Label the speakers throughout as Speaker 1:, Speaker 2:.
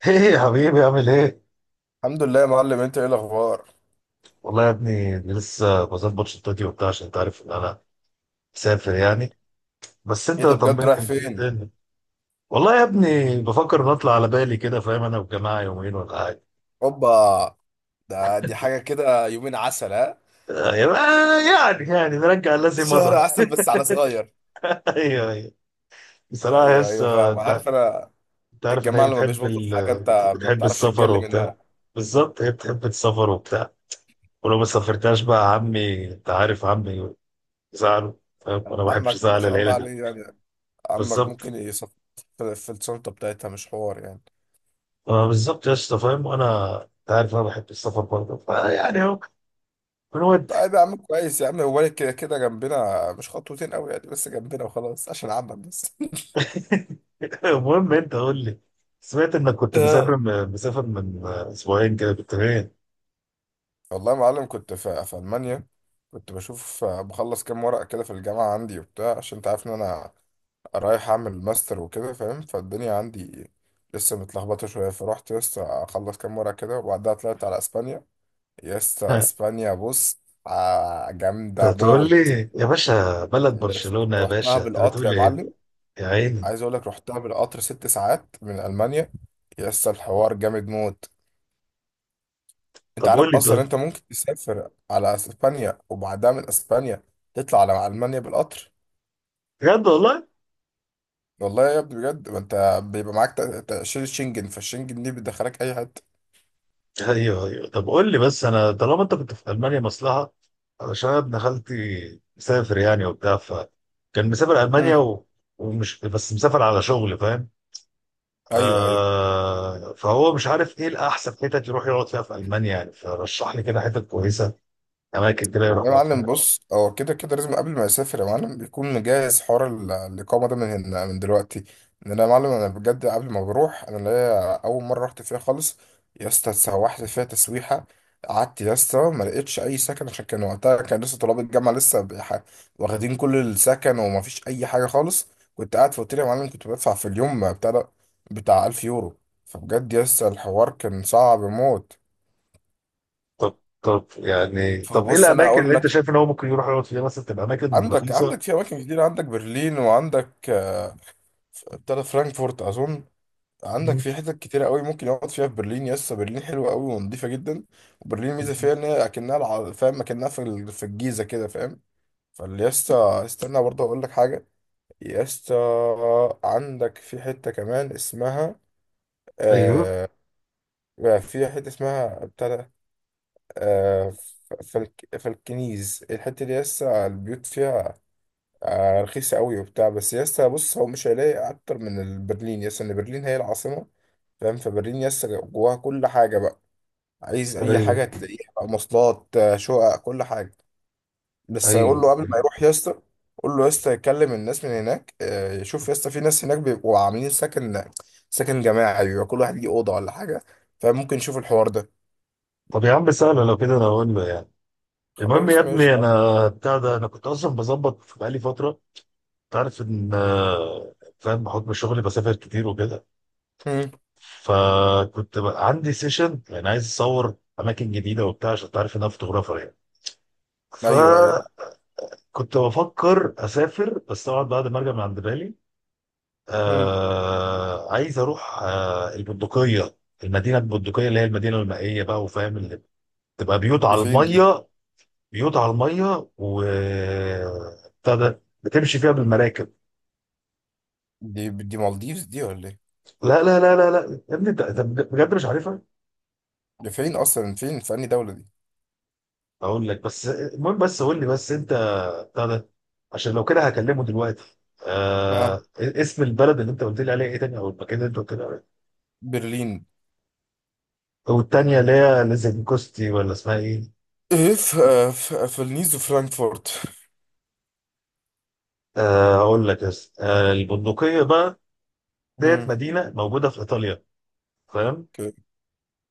Speaker 1: ايه يا حبيبي عامل ايه؟
Speaker 2: الحمد لله يا معلم، انت ايه الاخبار؟
Speaker 1: والله يا ابني لسه بظبط شنطتي وبتاع عشان انت عارف ان انا مسافر يعني. بس
Speaker 2: ايه
Speaker 1: انت
Speaker 2: ده؟
Speaker 1: طمني،
Speaker 2: بجد رايح
Speaker 1: انت إيه
Speaker 2: فين؟
Speaker 1: الدنيا؟ والله يا ابني بفكر نطلع على بالي كده، فاهم، انا والجماعه يومين ولا حاجه.
Speaker 2: اوبا. ده دي حاجه كده، يومين عسل، ها؟
Speaker 1: آه، يعني نرجع الذي
Speaker 2: شهر
Speaker 1: مضى.
Speaker 2: عسل بس على صغير.
Speaker 1: ايوه ايوه، بصراحه
Speaker 2: ايوه، ايوه،
Speaker 1: لسه
Speaker 2: فاهم،
Speaker 1: انت
Speaker 2: عارف انا.
Speaker 1: أنت عارف ان
Speaker 2: الجماعه
Speaker 1: هي
Speaker 2: اللي ما
Speaker 1: بتحب
Speaker 2: بيشبطوا في حاجه، انت ما
Speaker 1: بتحب
Speaker 2: بتعرفش
Speaker 1: السفر
Speaker 2: تجلي
Speaker 1: وبتاع.
Speaker 2: منها.
Speaker 1: بالظبط، هي بتحب السفر وبتاع، ولو ما سافرتهاش بقى عمي انت عارف عمي زعله، فاهم، انا ما بحبش
Speaker 2: عمك ما
Speaker 1: ازعل
Speaker 2: شاء
Speaker 1: العيله
Speaker 2: الله
Speaker 1: دي.
Speaker 2: عليه يعني. عمك
Speaker 1: بالظبط.
Speaker 2: ممكن يصف في الشنطه بتاعتها، مش حوار يعني.
Speaker 1: آه بالظبط يا اسطى، فاهم، وانا انت عارف انا بحب السفر برضه فيعني اهو بنود.
Speaker 2: طيب يا عم، كويس يا عم، هو كده كده جنبنا، مش خطوتين قوي يعني، بس جنبنا وخلاص، عشان عمك بس.
Speaker 1: المهم انت قول لي، سمعت انك كنت مسافر من اسبوعين كده كنت فين؟
Speaker 2: والله يا معلم، كنت في ألمانيا. كنت بشوف، بخلص كام ورقة كده في الجامعة عندي وبتاع، عشان انت عارف ان انا رايح اعمل ماستر وكده فاهم. فالدنيا عندي لسه متلخبطة شوية، فرحت لسه اخلص كام ورقة كده، وبعدها طلعت على اسبانيا. يسطا
Speaker 1: ها،
Speaker 2: اسبانيا، بص.
Speaker 1: انت
Speaker 2: جامدة
Speaker 1: تقول
Speaker 2: موت.
Speaker 1: لي يا باشا بلد
Speaker 2: بس
Speaker 1: برشلونة؟ يا
Speaker 2: رحتها
Speaker 1: باشا انت
Speaker 2: بالقطر
Speaker 1: بتقول
Speaker 2: يا
Speaker 1: لي ايه.
Speaker 2: معلم.
Speaker 1: يا عيني.
Speaker 2: عايز اقول لك، رحتها بالقطر 6 ساعات من ألمانيا. يسطا الحوار جامد موت. انت
Speaker 1: طب
Speaker 2: عارف
Speaker 1: قول لي
Speaker 2: اصلا،
Speaker 1: طيب.
Speaker 2: انت ممكن تسافر على اسبانيا، وبعدها من اسبانيا تطلع على المانيا بالقطر.
Speaker 1: بجد والله؟
Speaker 2: والله يا ابني بجد، ما انت بيبقى معاك تأشيرة شنجن، فالشنجن دي بتدخلك اي حته.
Speaker 1: ايوه ايوه، طب قول لي بس، انا طالما انت كنت في المانيا مصلحة، علشان أنا ابن خالتي مسافر يعني وبتاع، فكان مسافر المانيا
Speaker 2: مم.
Speaker 1: و... ومش بس مسافر على شغل، فاهم.
Speaker 2: ايوه، ايوه.
Speaker 1: فهو مش عارف ايه الاحسن حتت يروح يقعد فيها في المانيا، يعني فرشح لي كده حتت كويسه، اماكن كده
Speaker 2: والله
Speaker 1: يروح
Speaker 2: يا
Speaker 1: يقعد فيها.
Speaker 2: معلم بص، هو كده كده لازم قبل ما يسافر يا معلم، بيكون مجهز حوار الإقامة ده من دلوقتي. إن أنا يا معلم، أنا بجد قبل ما بروح، أنا اللي هي أول مرة رحت فيها خالص. يا اسطى اتسوحت فيها تسويحة. قعدت يا اسطى، ما لقيتش أي سكن، عشان كان وقتها كان لسه طلاب الجامعة لسه واخدين كل السكن، وما فيش أي حاجة خالص. كنت قاعد في أوتيل يا معلم، كنت بدفع في اليوم بتاع 1000 يورو. فبجد يا اسطى، الحوار كان صعب موت.
Speaker 1: طب ايه
Speaker 2: فبص، أنا
Speaker 1: الاماكن اللي
Speaker 2: أقول
Speaker 1: انت
Speaker 2: لك.
Speaker 1: شايف ان هو ممكن يروح يقعد فيها، مثلا تبقى اماكن
Speaker 2: عندك
Speaker 1: رخيصه.
Speaker 2: في اماكن كتير. عندك برلين، وعندك، ابتدى فرانكفورت اظن. عندك
Speaker 1: مم.
Speaker 2: في حتت كتيرة قوي ممكن يقعد فيها في برلين. يس برلين حلوة قوي ونضيفة جدا. وبرلين ميزة فيها ان هي اكنها فاهم اكنها في الجيزة كده فاهم. فاليستا، استنى برضه اقول لك حاجة. يستا، عندك في حتة كمان اسمها،
Speaker 1: ايوه
Speaker 2: آه في حتة اسمها ابتدى، آه ف- فالكنيز. الحتة دي يسا البيوت فيها، رخيصة قوي وبتاع. بس يا اسطى بص، هو مش هيلاقي اكتر من البرلين يا اسطى، ان برلين هي العاصمة فاهم. فبرلين يا اسطى جواها كل حاجة بقى. عايز اي
Speaker 1: ايوه.
Speaker 2: حاجة تلاقيها بقى، مواصلات، شقق، كل حاجة. بس قول
Speaker 1: ايوه
Speaker 2: له قبل ما يروح يا اسطى، قول له يا اسطى يكلم الناس من هناك، يشوف يا اسطى في ناس هناك بيبقوا عاملين سكن، سكن جماعي بيبقى كل واحد ليه أوضة ولا حاجة. فممكن يشوف الحوار ده.
Speaker 1: طب يا عم، سهله، لو كده انا اقول له يعني. المهم يا
Speaker 2: خلاص ماشي.
Speaker 1: ابني، انا بتاع ده انا كنت اصلا بظبط بقالي فتره، تعرف ان، فاهم، بحكم شغلي بسافر كتير وكده.
Speaker 2: مم.
Speaker 1: فكنت بقى عندي سيشن، يعني عايز اصور اماكن جديده وبتاع عشان تعرف ان انا فوتوغرافر يعني.
Speaker 2: ايوه، ايوه.
Speaker 1: فكنت بفكر اسافر، بس طبعا بعد ما ارجع من عند بالي.
Speaker 2: مم.
Speaker 1: عايز اروح البندقيه، المدينه البندقيه اللي هي المدينه المائيه بقى، وفاهم، اللي تبقى بيوت
Speaker 2: دي
Speaker 1: على
Speaker 2: فين دي؟
Speaker 1: الميه، بيوت على الميه و بتاع ده بتمشي فيها بالمراكب.
Speaker 2: دي مالديفز دي ولا ايه؟
Speaker 1: لا لا لا لا لا يا ابني، أنت بجد مش عارفها.
Speaker 2: دي فين اصلا، فين، في انهي دولة دي؟
Speaker 1: اقول لك، بس المهم بس قول لي بس انت، بتاع ده، عشان لو كده هكلمه دلوقتي.
Speaker 2: آه.
Speaker 1: اسم البلد اللي انت قلت لي عليها ايه تاني، او المكان اللي انت قلت لي عليه،
Speaker 2: برلين.
Speaker 1: او التانية اللي هي ليزنكوستي ولا اسمها ايه.
Speaker 2: ايه؟ في النيز وفرانكفورت.
Speaker 1: اقول لك، بس البندقية بقى ديت،
Speaker 2: مم.
Speaker 1: مدينة موجودة في ايطاليا، فاهم.
Speaker 2: اوكي.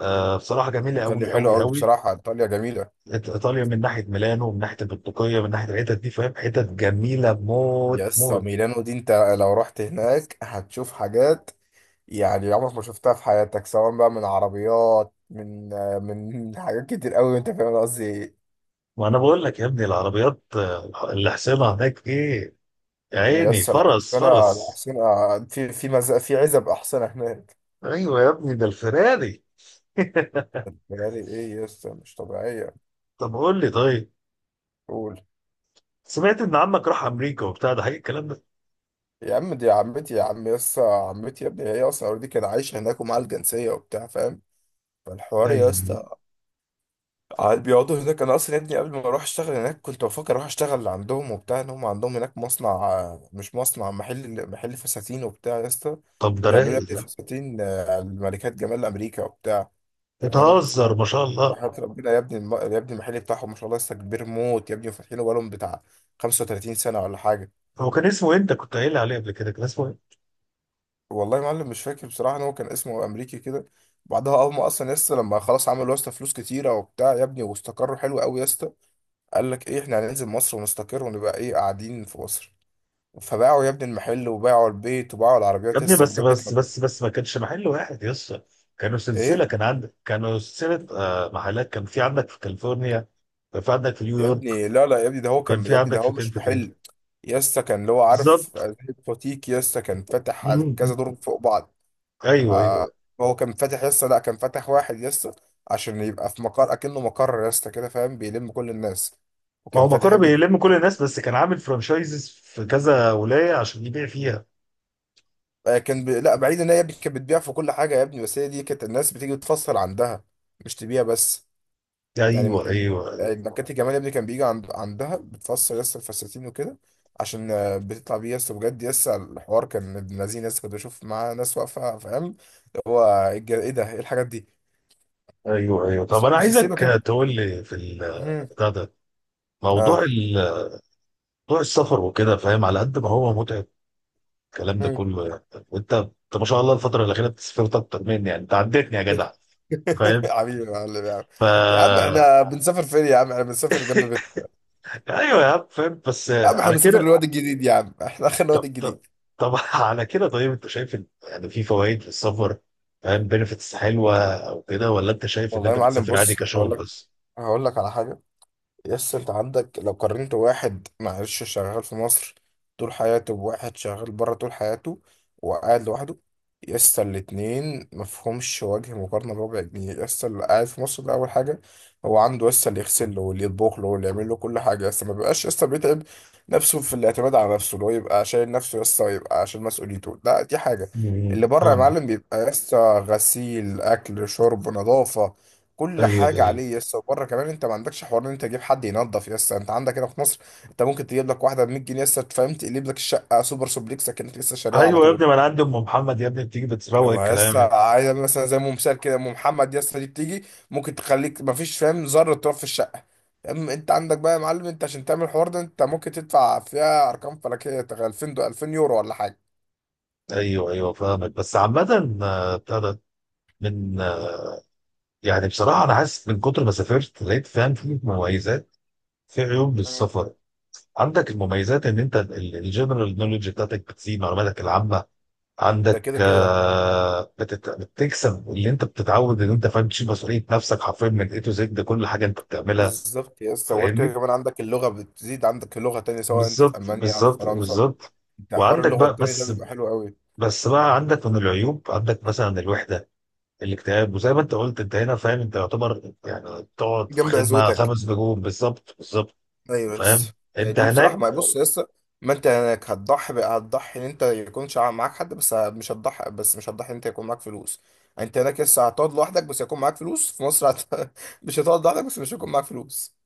Speaker 1: بصراحة جميلة
Speaker 2: ايطاليا
Speaker 1: قوي
Speaker 2: حلوه
Speaker 1: قوي
Speaker 2: قوي،
Speaker 1: قوي.
Speaker 2: بصراحه ايطاليا جميله.
Speaker 1: ايطاليا، من ناحية ميلانو، من ناحية البندقية، من ناحية الحتت دي، فاهم، حتت جميلة موت
Speaker 2: يس
Speaker 1: موت.
Speaker 2: ميلانو دي، انت لو رحت هناك هتشوف حاجات يعني عمرك ما شفتها في حياتك، سواء بقى من عربيات، من، من حاجات كتير قوي، انت فاهم أنا قصدي ايه.
Speaker 1: ما انا بقول لك يا ابني، العربيات اللي حسينها هناك ايه، يا عيني،
Speaker 2: يس لا.
Speaker 1: فرس
Speaker 2: انا
Speaker 1: فرس.
Speaker 2: الاحصنه في عزب احصنه هناك.
Speaker 1: ايوه يا ابني، ده الفراري.
Speaker 2: بالي ايه؟ يس مش طبيعيه.
Speaker 1: طب قول لي طيب،
Speaker 2: قول.
Speaker 1: سمعت ان عمك راح امريكا وبتاع، ده حقيقي الكلام ده؟
Speaker 2: يا عم دي عمتي يا عم. يسا عمتي يا ابني، هي اصلا اوريدي كان عايشه هناك ومعاها الجنسيه وبتاع فاهم. فالحوار يا
Speaker 1: ايوه
Speaker 2: اسطى قاعد بيقعدوا هناك. انا اصلا يا ابني قبل ما اروح اشتغل هناك، كنت بفكر اروح اشتغل عندهم وبتاع، ان هم عندهم هناك مصنع، مش مصنع، محل فساتين وبتاع يا اسطى.
Speaker 1: طب ده
Speaker 2: بيعملوا يا
Speaker 1: رايق
Speaker 2: ابني
Speaker 1: ده.
Speaker 2: فساتين، الملكات جمال امريكا وبتاع فاهم.
Speaker 1: بتهزر، ما شاء الله.
Speaker 2: فحياة ربنا يا ابني، يا ابني المحل بتاعهم ما شاء الله لسه كبير موت يا ابني، وفاتحينه بقالهم بتاع 35 سنه ولا حاجه.
Speaker 1: هو كان اسمه إيه؟ انت كنت قايل لي عليه قبل كده، كان اسمه ايه.
Speaker 2: والله يا معلم مش فاكر بصراحة، ان هو كان اسمه امريكي كده. بعدها هم اصلا يسطا لما خلاص عملوا يسطا فلوس كتيرة وبتاع يا ابني، واستقروا حلو قوي يسطا، قال لك ايه، احنا هننزل مصر ونستقر، ونبقى ايه قاعدين في مصر. فباعوا يا ابني المحل، وباعوا البيت، وباعوا
Speaker 1: يا
Speaker 2: العربيات
Speaker 1: ابني
Speaker 2: يسطا،
Speaker 1: بس
Speaker 2: بجد
Speaker 1: بس
Speaker 2: كانوا
Speaker 1: بس بس، ما كانش محل واحد يا اسطى، كانوا سلسله،
Speaker 2: ايه.
Speaker 1: كان عندك كانوا سلسله محلات، كان في عندك في كاليفورنيا، كان في عندك في
Speaker 2: يا
Speaker 1: نيويورك،
Speaker 2: ابني لا لا يا ابني، ده هو
Speaker 1: وكان
Speaker 2: كان
Speaker 1: في
Speaker 2: يا ابني، ده
Speaker 1: عندك
Speaker 2: هو
Speaker 1: في فين
Speaker 2: مش
Speaker 1: في فين.
Speaker 2: محل. يسطا كان اللي هو عارف
Speaker 1: بالظبط.
Speaker 2: زي بوتيك، يسطا كان فاتح على كذا
Speaker 1: مم.
Speaker 2: دور فوق بعض.
Speaker 1: ايوه
Speaker 2: آه،
Speaker 1: ايوه.
Speaker 2: هو كان فاتح لسه، لا كان فاتح واحد لسه، عشان يبقى في مقر اكنه مقر لسه كده فاهم، بيلم كل الناس.
Speaker 1: ما هو
Speaker 2: وكان فاتح
Speaker 1: مقر
Speaker 2: يا ابني،
Speaker 1: بيلم كل الناس، بس كان عامل فرانشايزز في كذا ولاية عشان يبيع فيها.
Speaker 2: لا بعيد، ان هي يا ابني كانت بتبيع في كل حاجه يا ابني، بس هي دي كانت الناس بتيجي تفصل عندها، مش تبيع بس. يعني
Speaker 1: ايوه ايوه.
Speaker 2: مكاتي جمال يا ابني كان بيجي عند... عندها بتفصل لسه الفساتين وكده، عشان بتطلع بيه لسه، بجد لسه الحوار كان ابن لذين لسه، كنت بشوف معاه ناس واقفه فاهم اللي هو ايه إيه ده ايه الحاجات دي.
Speaker 1: ايوه ايوه، طب
Speaker 2: بس
Speaker 1: انا
Speaker 2: بس
Speaker 1: عايزك
Speaker 2: سيبك كده.
Speaker 1: تقول لي في بتاع ده، موضوع
Speaker 2: اه.
Speaker 1: موضوع السفر وكده، فاهم، على قد ما هو متعب الكلام ده
Speaker 2: مم.
Speaker 1: كله يعني، وانت ما شاء الله الفترة الأخيرة بتسافرت أكتر مني يعني، انت عدتني يا جدع، فاهم
Speaker 2: حبيبي يا معلم يا عم. يا عم
Speaker 1: فا
Speaker 2: احنا بنسافر فين يا عم؟ احنا بنسافر جنب بيتنا.
Speaker 1: ايوه يا عم، فاهم، بس
Speaker 2: يا عم احنا
Speaker 1: على
Speaker 2: بنسافر
Speaker 1: كده
Speaker 2: الواد الجديد يا عم، احنا اخر
Speaker 1: طب
Speaker 2: الواد
Speaker 1: طب
Speaker 2: الجديد.
Speaker 1: طب على كده طيب، انت شايف ان يعني في فوائد للسفر، فاهم، بنفيتس حلوه او كده، ولا انت شايف ان
Speaker 2: والله يا
Speaker 1: انت
Speaker 2: معلم
Speaker 1: بتسافر عادي
Speaker 2: بص، هقول
Speaker 1: كشغل
Speaker 2: لك
Speaker 1: بس؟
Speaker 2: هقول لك على حاجه. يس انت عندك، لو قارنت واحد معلش شغال في مصر طول حياته، بواحد شغال بره طول حياته وقاعد لوحده، يس الاتنين مفهومش وجه مقارنة بربع جنيه. يس اللي قاعد في مصر ده، أول حاجة هو عنده يس اللي يغسل له، واللي يطبخ له، واللي يعمل له كل حاجة. يس ما بيبقاش يس بيتعب نفسه في الاعتماد على نفسه، اللي هو يبقى شايل نفسه يس، ويبقى عشان مسؤوليته، لا دي حاجة. اللي بره يا
Speaker 1: فاهمك.
Speaker 2: معلم بيبقى يس غسيل، أكل، شرب، نظافة، كل
Speaker 1: ايوه
Speaker 2: حاجه
Speaker 1: ايوه.
Speaker 2: عليه. يس وبره كمان انت ما عندكش حوار ان انت تجيب حد ينظف. يس انت عندك هنا في مصر، انت ممكن تجيب لك واحده ب 100 جنيه يس فاهم، تقلب لك الشقه سوبر سوبليكس كانت لسه شاريها على
Speaker 1: ايوه يا ابني،
Speaker 2: طول.
Speaker 1: ما انا عندي ام محمد يا ابني، بتيجي بتروق
Speaker 2: اما يس
Speaker 1: الكلام يعني.
Speaker 2: عايز مثلا، زي ام مثال كده، ام محمد، يس دي بتيجي ممكن تخليك ما فيش فاهم ذره تراب في الشقه. اما انت عندك بقى يا معلم، انت عشان تعمل الحوار ده، انت ممكن تدفع فيها ارقام فلكيه، 2000 يورو ولا حاجه.
Speaker 1: ايوه ايوه فاهمك، بس عامة، بتاع ده، من، يعني بصراحة انا حاسس من كتر ما سافرت لقيت، فاهم، في مميزات، في عيوب
Speaker 2: مم.
Speaker 1: للسفر. عندك المميزات ان انت الجنرال نولج بتاعتك بتزيد، معلوماتك العامة
Speaker 2: ده
Speaker 1: عندك،
Speaker 2: كده كده.
Speaker 1: بتكسب اللي انت بتتعود ان انت، فاهم، تشيل مسؤوليه نفسك حرفيا من اي تو زد، ده كل حاجه انت بتعملها،
Speaker 2: بالظبط يا اسطى، وغير كده
Speaker 1: فاهمني.
Speaker 2: كمان عندك اللغه بتزيد، عندك لغه تانية سواء انت في
Speaker 1: بالظبط
Speaker 2: المانيا او في
Speaker 1: بالظبط
Speaker 2: فرنسا.
Speaker 1: بالظبط.
Speaker 2: بتاع حوار
Speaker 1: وعندك
Speaker 2: اللغه
Speaker 1: بقى
Speaker 2: التاني ده
Speaker 1: بس
Speaker 2: بيبقى حلو قوي.
Speaker 1: بس بقى عندك من العيوب، عندك مثلا الوحده، الاكتئاب، وزي ما انت قلت، انت هنا فاهم، انت يعتبر يعني تقعد في
Speaker 2: جنب
Speaker 1: خدمه
Speaker 2: عزوتك.
Speaker 1: 5 نجوم، بالظبط بالظبط،
Speaker 2: ايوه
Speaker 1: فاهم.
Speaker 2: بس.
Speaker 1: انت
Speaker 2: دي بصراحه
Speaker 1: هناك
Speaker 2: ما، بص يا اسطى، ما انت هناك هتضحي بقى، هتضحي ان انت يكونش معاك حد، بس مش هتضحي، بس مش هتضحي ان انت يكون معاك فلوس. يعني انت هناك لسه هتقعد لوحدك بس هيكون معاك فلوس في مصر، مش هتقعد لوحدك بس مش هيكون معاك فلوس.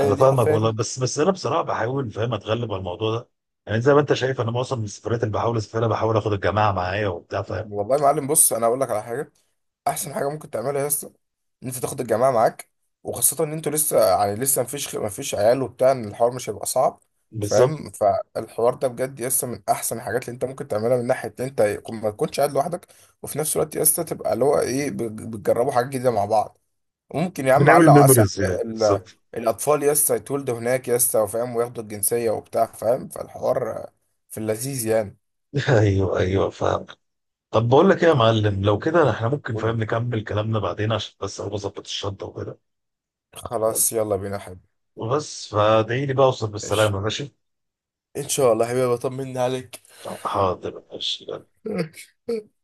Speaker 1: انا
Speaker 2: دي
Speaker 1: فاهمك والله،
Speaker 2: حرفيا.
Speaker 1: بس انا بصراحه بحاول، فاهم، اتغلب على الموضوع ده، يعني زي ما انت شايف، انا معظم السفرات اللي بحاول اسافرها بحاول اخد الجماعه معايا وبتاع.
Speaker 2: والله يا معلم بص انا اقول لك على حاجه. احسن حاجه ممكن تعملها يا اسطى، ان انت تاخد الجماعه معاك، وخاصه ان انتوا لسه يعني، لسه مفيش عيال وبتاع، ان الحوار مش هيبقى صعب.
Speaker 1: بالظبط،
Speaker 2: فاهم. فالحوار ده بجد يسطا من احسن الحاجات اللي انت ممكن تعملها، من ناحيه ان انت ما تكونش قاعد لوحدك. وفي نفس الوقت يسطا تبقى اللي هو ايه، بتجربوا حاجات جديده مع بعض. ممكن يا عم
Speaker 1: بنعمل
Speaker 2: علق وعسى،
Speaker 1: ميموريز يعني، بالظبط.
Speaker 2: الاطفال يسطا يتولدوا هناك يسطا وفاهم، وياخدوا الجنسيه وبتاع فاهم. فالحوار في اللذيذ يعني.
Speaker 1: ايوه ايوه فاهم. طب بقول لك ايه يا معلم، لو كده احنا ممكن، فاهم،
Speaker 2: قولي.
Speaker 1: نكمل كلامنا بعدين عشان بس اقوم اظبط الشنطه وكده. طيب،
Speaker 2: خلاص يلا بينا يا حبيبي.
Speaker 1: وبس فادعي لي بقى اوصل
Speaker 2: ماشي.
Speaker 1: بالسلامه، ماشي؟
Speaker 2: ان شاء الله يا حبيبي، بطمنا عليك.
Speaker 1: حاضر، ماشي.